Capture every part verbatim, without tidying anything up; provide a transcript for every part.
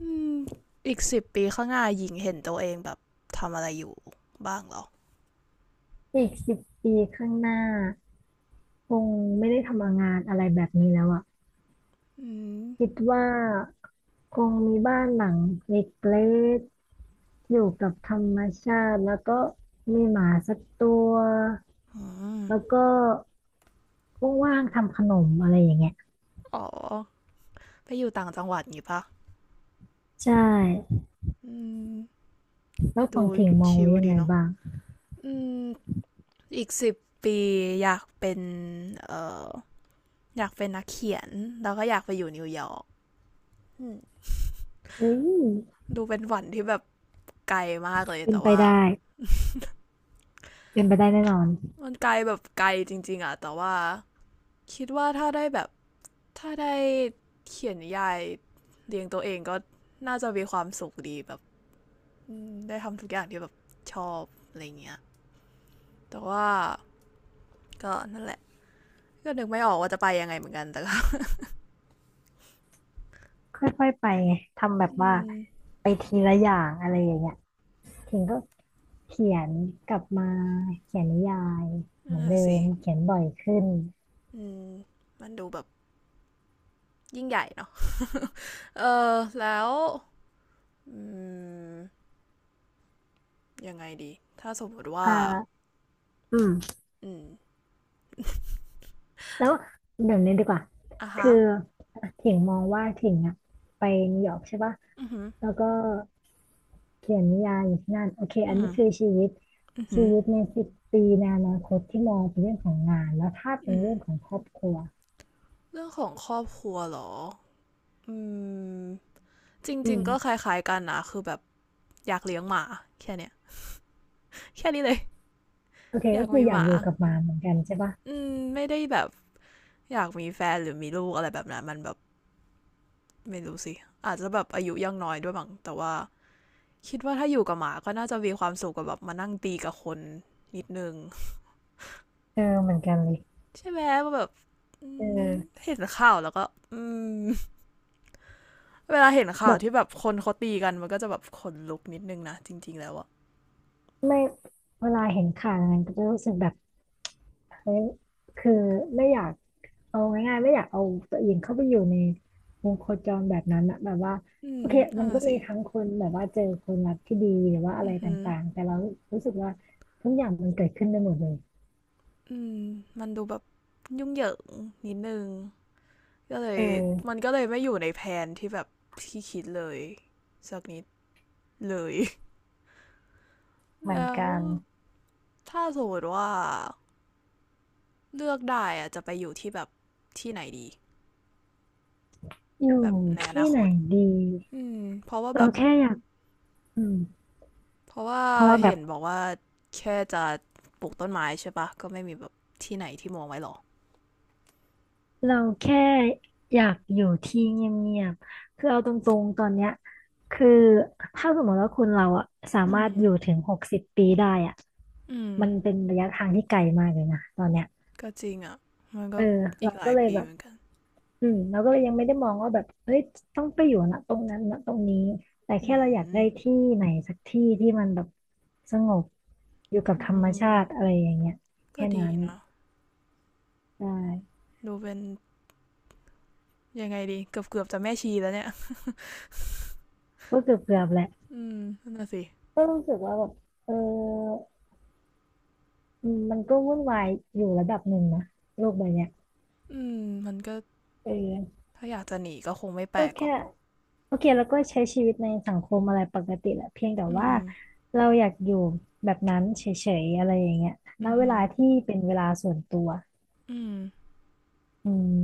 อืมอีกสิบปีข้างหน้าหญิงเห็นตัวเองแบบทำอะไรอยู่บ้างเหรออีกสิบปีข้างหน้าคงไม่ได้ทำงานอะไรแบบนี้แล้วอ่ะอืมคิดว่าคงมีบ้านหลังเล็กๆอยู่กับธรรมชาติแล้วก็มีหมาสักตัวอืมแล้วก็ว่างๆทำขนมอะไรอย่างเงี้ยอ๋อไปอยู่ต่างจังหวัดงี้ปะใช่อืมแล้วขดูองถิ่งมองชิไว้ลยังดีไงเนาะบ้างอืมอีกสิบปีอยากเป็นเอ่ออยากเป็นนักเขียนแล้วก็อยากไปอยู่นิวยอร์กอืมเฮ้ยดูเป็นฝันที่แบบไกลมากเลยเป็นแต่ไปว่าได้เป็นไปได้แน่นอนมันไกลแบบไกลจริงๆอะแต่ว่าคิดว่าถ้าได้แบบ ถ้าได้เขียนนิยายเลี้ยงตัวเองก็น่าจะมีความสุขดีแบบอืมได้ทำทุกอย่างที่แบบชอบอะไรเงี้ยแต่ว่าก็นั่นแหละก็นึกไม่ออกว่าจะไปยังไงเหมือนกันแต่ก็ ค่อยๆไปไงทำแบ บอืว่ามไปทีละอย่างอะไรอย่างเงี้ยถิ่งก็ เขียนกลับมาเขียนนิยายเหนั่นมือแหนเดิละสิมเขียนบ่อยขึ้นอืมมันดูแบบยิ่งใหญ่เนาะเออแล้วอืมยังไงดีถ้าสมมติอ่ว่าาอืมอืมแล้วเดี๋ยวนี้ดีกว่าอ่ะคืฮะอถิงมองว่าถิงอะไปนิวยอร์กใช่ปะอือหือแล้วก็เขียนนิยายอยู่ที่นั่นโอเคอัอืนมนี้คือชีวิตอือหืชีอวิตในสิบปีในอนาคตที่มองเป็นเรื่องของงานแล้วถ้าเป็นเรื่องของครอบครัวเรื่องของครอบครัวเหรออืมจรอืิงๆก็คมล้ายๆกันนะคือแบบ อยากเลี้ยงหมาแค่เนี้ยแค่นี้เลยโอเคอยาก็กคือมีอหยากมาอยู่กับหมาเหมือนกันใช่ปะอืมไม่ได้แบบอยากมีแฟนหรือมีลูกอะไรแบบนั้นมันแบบไม่รู้สิอาจจะแบบอายุยังน้อยด้วยมั้งแต่ว่าคิดว่าถ้าอยู่กับหมาก็น่าจะมีความสุขกับแบบมานั่งตีกับคนนิดนึงเออเหมือนกันเลยใช่ไหม่แบบอืเอมอเห็นข่าวแล้วก็เวลาเห็นข่าวแบบที่แบบคนเขาตีกันมันก็จะแบบขนลุกนิดนึงนะจริงๆแล้วอะไม่เวลาเห็นข่าวอะไรก็จะรู้สึกแบบ เฮ้ยคือไม่อยากเอาง่ายๆไม่อยากเอาตัวเองเข้าไปอยู่ในวงโคจรแบบนั้นอะแบบว่าอืโอมเคนั่มันนก็น่ะมีสิทั้งคนแบบว่าเจอคนรักที่ดีหรือว่าอะอืไรอหต่างๆแต่เรารู้สึกว่าทุกอย่างมันเกิดขึ้นได้หมดเลยอืมมันดูแบบยุ่งเหยิงนิดนึง ก็เลเยออมันก็เลยไม่อยู่ในแผนที่แบบที่คิดเลยสักนิดเลย เห มือนแล้วกันถ้าสมมติว่าเลือกได้อะจะไปอยู่ที่แบบที่ไหนดีอยู่แบบในอที่นาคไหนตดีอืมเพราะว่าแบเราบแค่อยากอืมเพราะว่าเพราะว่าแบเห็บนบอกว่าแค่จะปลูกต้นไม้ใช่ปะก็ไม่มีแบบที่ไหนที่มองไว้หรอเราแค่อยากอยู่ที่เงียบๆคือเอาตรงๆตอนเนี้ยคือถ้าสมมติว่าคุณเราอะสาอืมารถมอยู่ถึงหกสิบปีได้อะ อืมมันเป็นระยะทางที่ไกลมากเลยนะตอนเนี้ยก็จริงอ่ะมันเอก็ออีเรากหลาก็ยเลยปีแบเหบมือนกันอืมเราก็เลยยังไม่ได้มองว่าแบบเฮ้ยต้องไปอยู่นะตรงนั้นนะตรงนี้ แต่อืแค่เราอยากมได้ที่ไหนสักที่ที่มันแบบสงบอยู่กับอืธรรมชามติอะไรอย่างเงี้ยก็แค่ดีนั้นนะได้ดูเป็นยังไงดีเกือบเกือบจะแม่ชีแล้วเนี่ย ก็เกือบเกือบแหละอืมนั่นน่ะสิก็รู้สึกว่าแบบเอออืมมันก็วุ่นวายอยู่ระดับหนึ่งนะโลกใบเนี้ยอืมมันก็เออถ้าอยากจะหนีก็คงไม่แปลก็กหรอกแค่ โอเคแล้วก็ใช้ชีวิตในสังคมอะไรปกติแหละเพียงแต่อืว่ามเราอยากอยู่แบบนั้นเฉยๆอะไรอย่างเงี้ยณอือเวหือลาที่เป็นเวลาส่วนตัวอืมอืม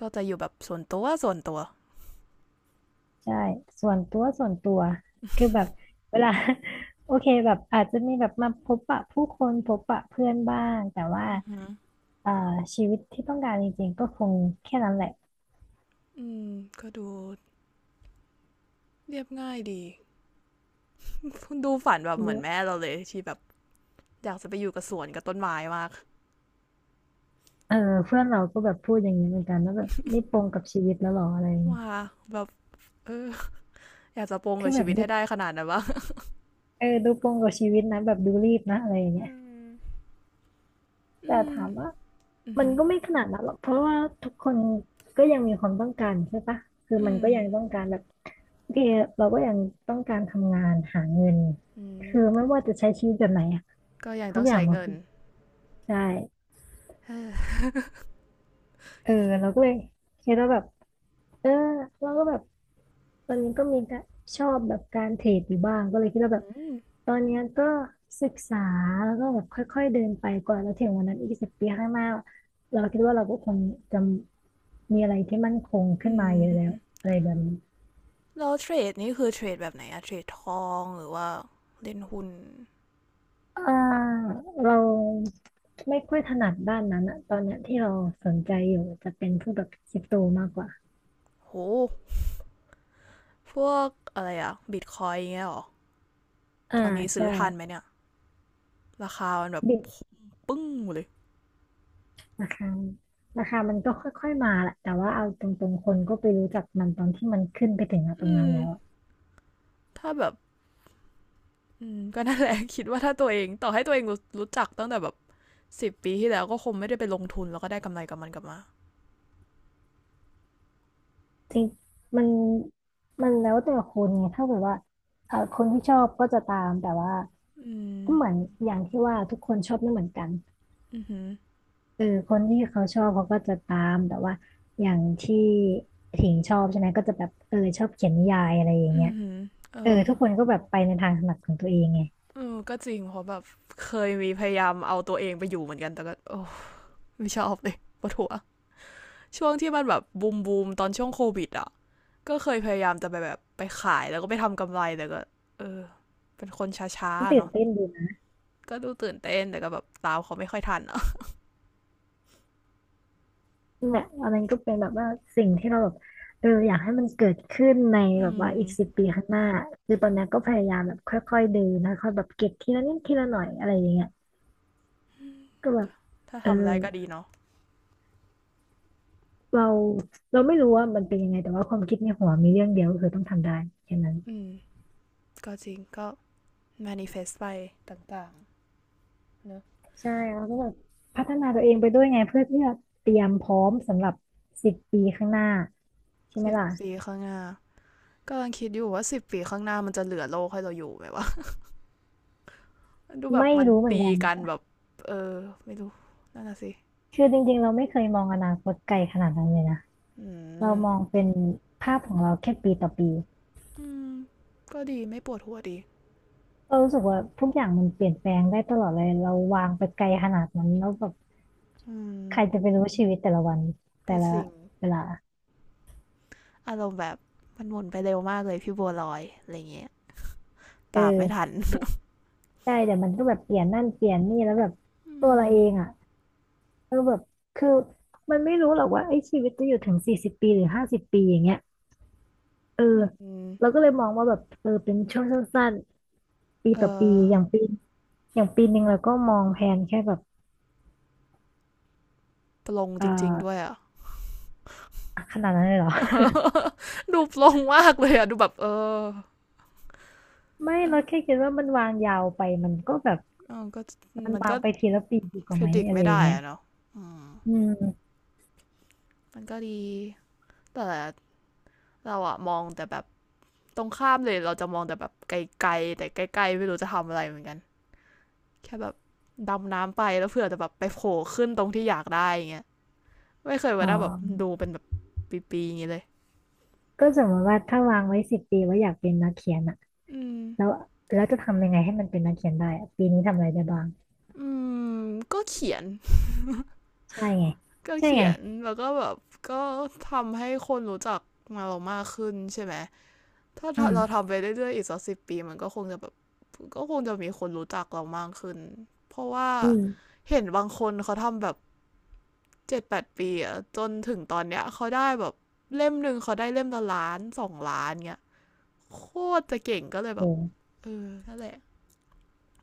ก็จะอยู่แบบส่วนตัวส่วนตัวใช่ส่วนตัวส่วนตัวคือแบบเวลา โอเคแบบอาจจะมีแบบมาพบปะผู้คนพบปะเพื่อนบ้างแต่ว่าอือหือเอ่อชีวิตที่ต้องการจริงๆก็คงแค่นั้นแหละอืมก็ดูเรียบง่ายดี ดูฝันแบบเหมือนแม่เราเลยที่แบบอยากจะไปอยู่กับสวนกับต้นไม้มากเออเพื่อนเราก็แบบพูดอย่างนี้เหมือนกันว่าแบบนี่ปลงกับชีวิตแล้วหรออะไรอย่างเงี้ยว่าแบบเอออยากจะปลงคืกัอบแบชีบวิตดูให้ได้ขนาดนั้นวะเออดูปลงกับชีวิตนะแบบดูรีบนะอะไรอย่างเงี้อืย มแต่อืมถามว่าอือมัหืนอก็ไม่ขนาดนั้นหรอกเพราะว่าทุกคนก็ยังมีความต้องการใช่ปะคืออืมันมก็ยังต้องการแบบโอเคเราก็ยังต้องการทำงานหาเงินอืมคือไม่ว่าจะใช้ชีวิตแบบไหนอะก็ยังทุต้กองอย่าใช้งมาเงินคือใช่เออเออเราก็เลยคิดว่าแบบเออเราก็แบบ ตอนนี้ก็มีการชอบแบบการเทรดอยู่บ้างก็เลยคิดว่าแบอบืมตอนเนี้ยก็ศึกษาแล้วก็แบบค่อยๆเดินไปกว่าแล้วถึงวันนั้นอีกสิบปีข้างหน้าเราคิดว่าเราก็คงจะมีอะไรที่มั่นคงขึ้อืนมาเยอะแล้วม อะไรแบบนี้แล้วเทรดนี่คือเทรดแบบไหนอะเทรดทองหรือว่าเล่นหุ้นอ่าเราไม่ค่อยถนัดด้านนั้นอะตอนเนี้ยที่เราสนใจอยู่จะเป็นพวกแบบคริปโตมากกว่าโหพวกอะไรอะบิตคอยน์เงี้ยหรออ่าตอนนี้ซื้อใช่ทันไหมเนี่ยราคามันแบบบิ ปึ้งเลยราคาราคามันก็ค่อยๆมาแหละแต่ว่าเอาตรงๆคนก็ไปรู้จักมันตอนที่มันขึ้นไปถึงตรอืงนั้นมแล้วอะถ้าแบบอืมก็นั่นแหละคิดว่าถ้าตัวเองต่อให้ตัวเองรู้รู้จักตั้งแต่แบบสิบปีที่แล้วก็คงไม่ได้ไปลงทุนแล้วก็ได้กำไรกับมันกลับมาจริงมันมันแล้วแต่คนไงถ้าแบบว่าเออคนที่ชอบก็จะตามแต่ว่าอืมก็เหมือนอย่างที่ว่าทุกคนชอบไม่เหมือนกันอือหือเออคนที่เขาชอบเขาก็จะตามแต่ว่าอย่างที่ถิงชอบใช่ไหมก็จะแบบเออชอบเขียนนิยายอะไรอย่างอืเงี้อยหือเอเอออทุกคนก็แบบไปในทางถนัดของตัวเองไงเออก็จริงเพราะแบบเคยมีพยายามเอาตัวเองไปอยู่เหมือนกันแต่ก็โอ้ไม่ชอบเลยปวดหัว ช่วงที่มันแบบบูมบูมตอนช่วงโควิดอ่ะก็เคยพยายามจะไปแบบไปขายแล้วก็ไปทำกำไรแต่ก็เออเป็นคนช้าๆตื่นเนาะเต้นดี ก็ดูตื่นเต้นแต่ก็แบบตามเขาไม่ค่อยทันอ่ะนั่นแหละอันนั้นก็เป็นแบบว่าสิ่งที่เราแบบเอออยากให้มันเกิดขึ้นในอืแบบว่ามอีกสิบปีข้างหน้าคือตอนนี้ก็พยายามแบบค่อยๆเดินค่อยๆแบบเก็บทีละนิดทีละหน่อยอะไรอย่างเงี้ยก็แบบถ้าเออทำได้ก็ดีเนาะเราเราไม่รู้ว่ามันเป็นยังไงแต่ว่าความคิดในหัวมีเรื่องเดียวก็คือต้องทำได้แค่นั้นอืมก็จริงก็ manifest ไปต่างๆเนอะใช่เราก็แบบพัฒนาตัวเองไปด้วยไงเพื่อที่จะเตรียมพร้อมสำหรับสิบปีข้างหน้าใช่ไหมสิบล่ะปีข้างหน้ากำลังคิดอยู่ว่าสิบปีข้างหน้ามันจะเหลือโลกให้เราอยู่ไหมวะดูแบบไม่มันรู้เหมือนตีกันกันแบบเออไม่รู้นั่นน่ะสิคือจริงๆเราไม่เคยมองอนาคตไกลขนาดนั้นเลยนะ อืเรามมองเป็นภาพของเราแค่ปีต่อปีอืมก็ดีไม่ปวดหัวดีเรารู้สึกว่าทุกอย่างมันเปลี่ยนแปลงได้ตลอดเลยเราวางไปไกลขนาดนั้นแล้วแบบอืม ใครจะไปรู้ชีวิตแต่ละวันก็แต่จละริงเวลาอารมณ์แบบมันหมุนไปเร็วมากเลยพี่บัวลอยอะไรเงี้ยเออตามไม่ทันเดี๋ยวใช่เดี๋ยวมันก็แบบเปลี่ยนนั่นเปลี่ยนนี่แล้วแบบอืตัวเรามเองอ่ะก็แบบคือมันไม่รู้หรอกว่าไอ้ชีวิตจะอยู่ถึงสี่สิบปีหรือห้าสิบปีอย่างเงี้ยเอออืเรามก็เลยมองว่าแบบเออเป็นช่วงสั้นๆปีเอต่อปีอ อย่างปีอย่างปีหนึ่งเราก็มองแผนแค่แบบปลงเออจริงๆด้วยอ่ะ ขนาดนั้นเลยเหรอ ดูปลงมากเลยอ่ะดูแบบเออไม่เอเราอแค่คิดว่ามันวางยาวไปมันก็แบบเออก็มันมันวาก็ งไปทีละปีดีกว่าไหม predict อะไรไม่อย่าได้งเงี้ยอะเนาะอืมอืมมันก็ดี แต่เราอะมองแต่แบบตรงข้ามเลยเราจะมองแต่แบบไกลๆแต่ใกล้ๆไม่รู้จะทำอะไรเหมือนกัน แค่แบบดำน้ำไปแล้วเผื่อจะแบบไปโผล่ขึ้นตรงที่อยากได้อย่างเงี้ย ไม่เคยอ๋ว่าได้แบบอดูเป็นแบบปีๆอย่างนี้เลยก็สมมติว่าถ้าวางไว้สิบปีว่าอยากเป็นนักเขียนอะอืมแล้วแล้วจะทำยังไงให้มันเป็นนักเขียนได้อะปีนี้ทำอะไรได้บ้างอืมก็เขียนใช่ไงก็ใช่เขีไงยน แล้วก็แบบก็ทำให้คนรู้จักมาเรามากขึ้นใช่ไหม ถ้าอืเรามทำไปเรื่อยๆอีกสักสิบปีมันก็คงจะแบบก็คงจะมีคนรู้จักเรามากขึ้น เพราะว่าอืมเห็นบางคนเขาทำแบบเจ็ดแปดปีอะจนถึงตอนเนี้ยเขาได้แบบเล่มหนึ่งเขาได้เล่มละล้านสองล้านเงี้ยโคตรจะเก่งก็เลยโอแบบ้เออนั่นแหละ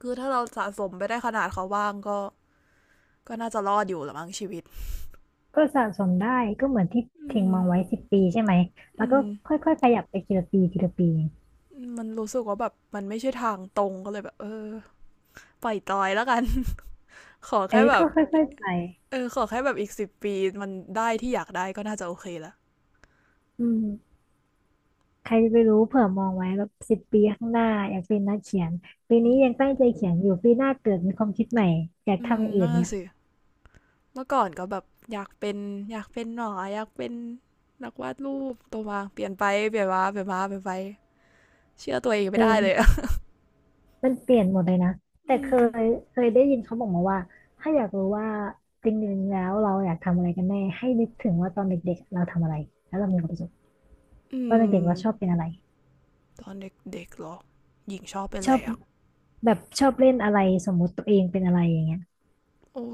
คือถ้าเราสะสมไปได้ขนาดเขาบ้างก็ก็น่าจะรอดอยู่ละมั้งชีวิตก็สะสมได้ก็เหมือนที่อืทิ้งมมองไว้สิบปีใช่ไหมแล้อืวก็มค่อยๆขยับไปทีละปีทีละปีมันรู้สึกว่าแบบมันไม่ใช่ทางตรงก็เลยแบบเออปล่อยตอยแล้วกัน ขอแค่เอ้ยแบก็บค่อยๆไปเออขอแค่แบบอีกสิบปีมันได้ที่อยากได้ก็น่าจะโอเคละอืม ใครจะไปรู้เผื่อมองไว้แบบสิบปีข้างหน้าอยากเป็นนักเขียนปีอืนี้ยังมตั้งใจเขียนอยู่ปีหน้าเกิดมีความคิดใหม่อยากอืทำมอย่างอื่นน่าเนี่ยสิเมื่อก่อนก็แบบอยากเป็นอยากเป็นหนออยากเป็นนักวาดรูปตัวมาเปลี่ยนไปเปลี่ยนมาเปลี่ยนมาเปลี่ยนไปเชื่อตัวเองไม่ได้เลย เออ อมันเปลี่ยนหมดเลยนะแต่ืเคยมเคยได้ยินเขาบอกมาว่าถ้าอยากรู้ว่าจริงๆแล้วเราอยากทำอะไรกันแน่ให้นึกถึงว่าตอนเด็กๆเราทำอะไรแล้วเรามีความสุขอืตอนเด็กๆเราชอบมเป็นอะไรตอนเด็กๆเหรอหญิงชอบเป็นชอะอไรบอ่ะแบบชอบเล่นอะไรสมมุติตัวเองเป็นอะไรอย่างเงี้ยโอ้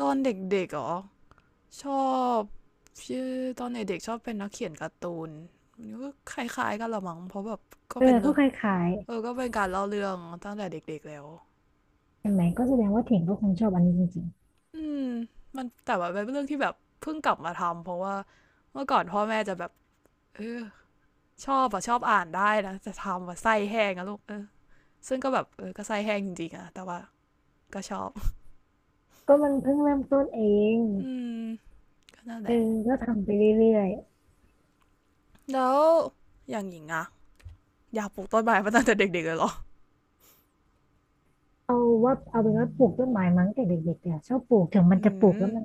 ตอนเด็กๆเหรอชอบชื่อตอนเด็กๆชอบเป็นนักเขียนการ์ตูนมันก็คล้ายๆกันละมั้งเพราะแบบก็เออเป็นก็เรื่องคล้ายเออก็เป็นการเล่าเรื่องตั้งแต่เด็กๆแล้วๆเห็นไหมก็แสดงว่าถิ่งก็คงชอบอันนี้จริงอืมมันแต่ว่าเป็นเรื่องที่แบบเพิ่งกลับมาทำเพราะว่าเมื่อก่อนพ่อแม่จะแบบเออชอบอะชอบอ่านได้นะจะทำว่าไส้แห้งอะลูกเออซึ่งก็แบบเออก็ไส้แห้งจริงๆอะแต่ว่าก็ชอบๆก็มันเพิ่งเริ่มต้นเอง อืมก็นั่นแหเออละก็ทำไปเรื่อยแล้วอย่างหญิงอะอยากปลูกต้นไม้มาตั้งแต่เด็กๆเลยเหรอๆเอาว่าเอาเป็นว่าปลูกต้นไม้มั้งแต่เด็กๆเนี่ยชอบปลูกถึงมันอืจะปลูกม แล้วมัน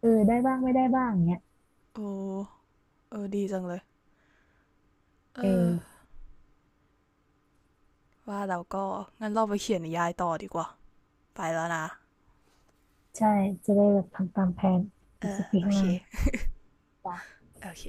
เออได้บ้างไม่ได้บ้างเนี้ยโอ้ เออดีจังเลย เอเออ อว่าเราก็งั้นเราไปเขียนนิยายต่อดีกว่า ไปแล้วนะ ใช่จะได้แบบทำตามแผนอีกสิบปีโอข้างหเค น้าโอเค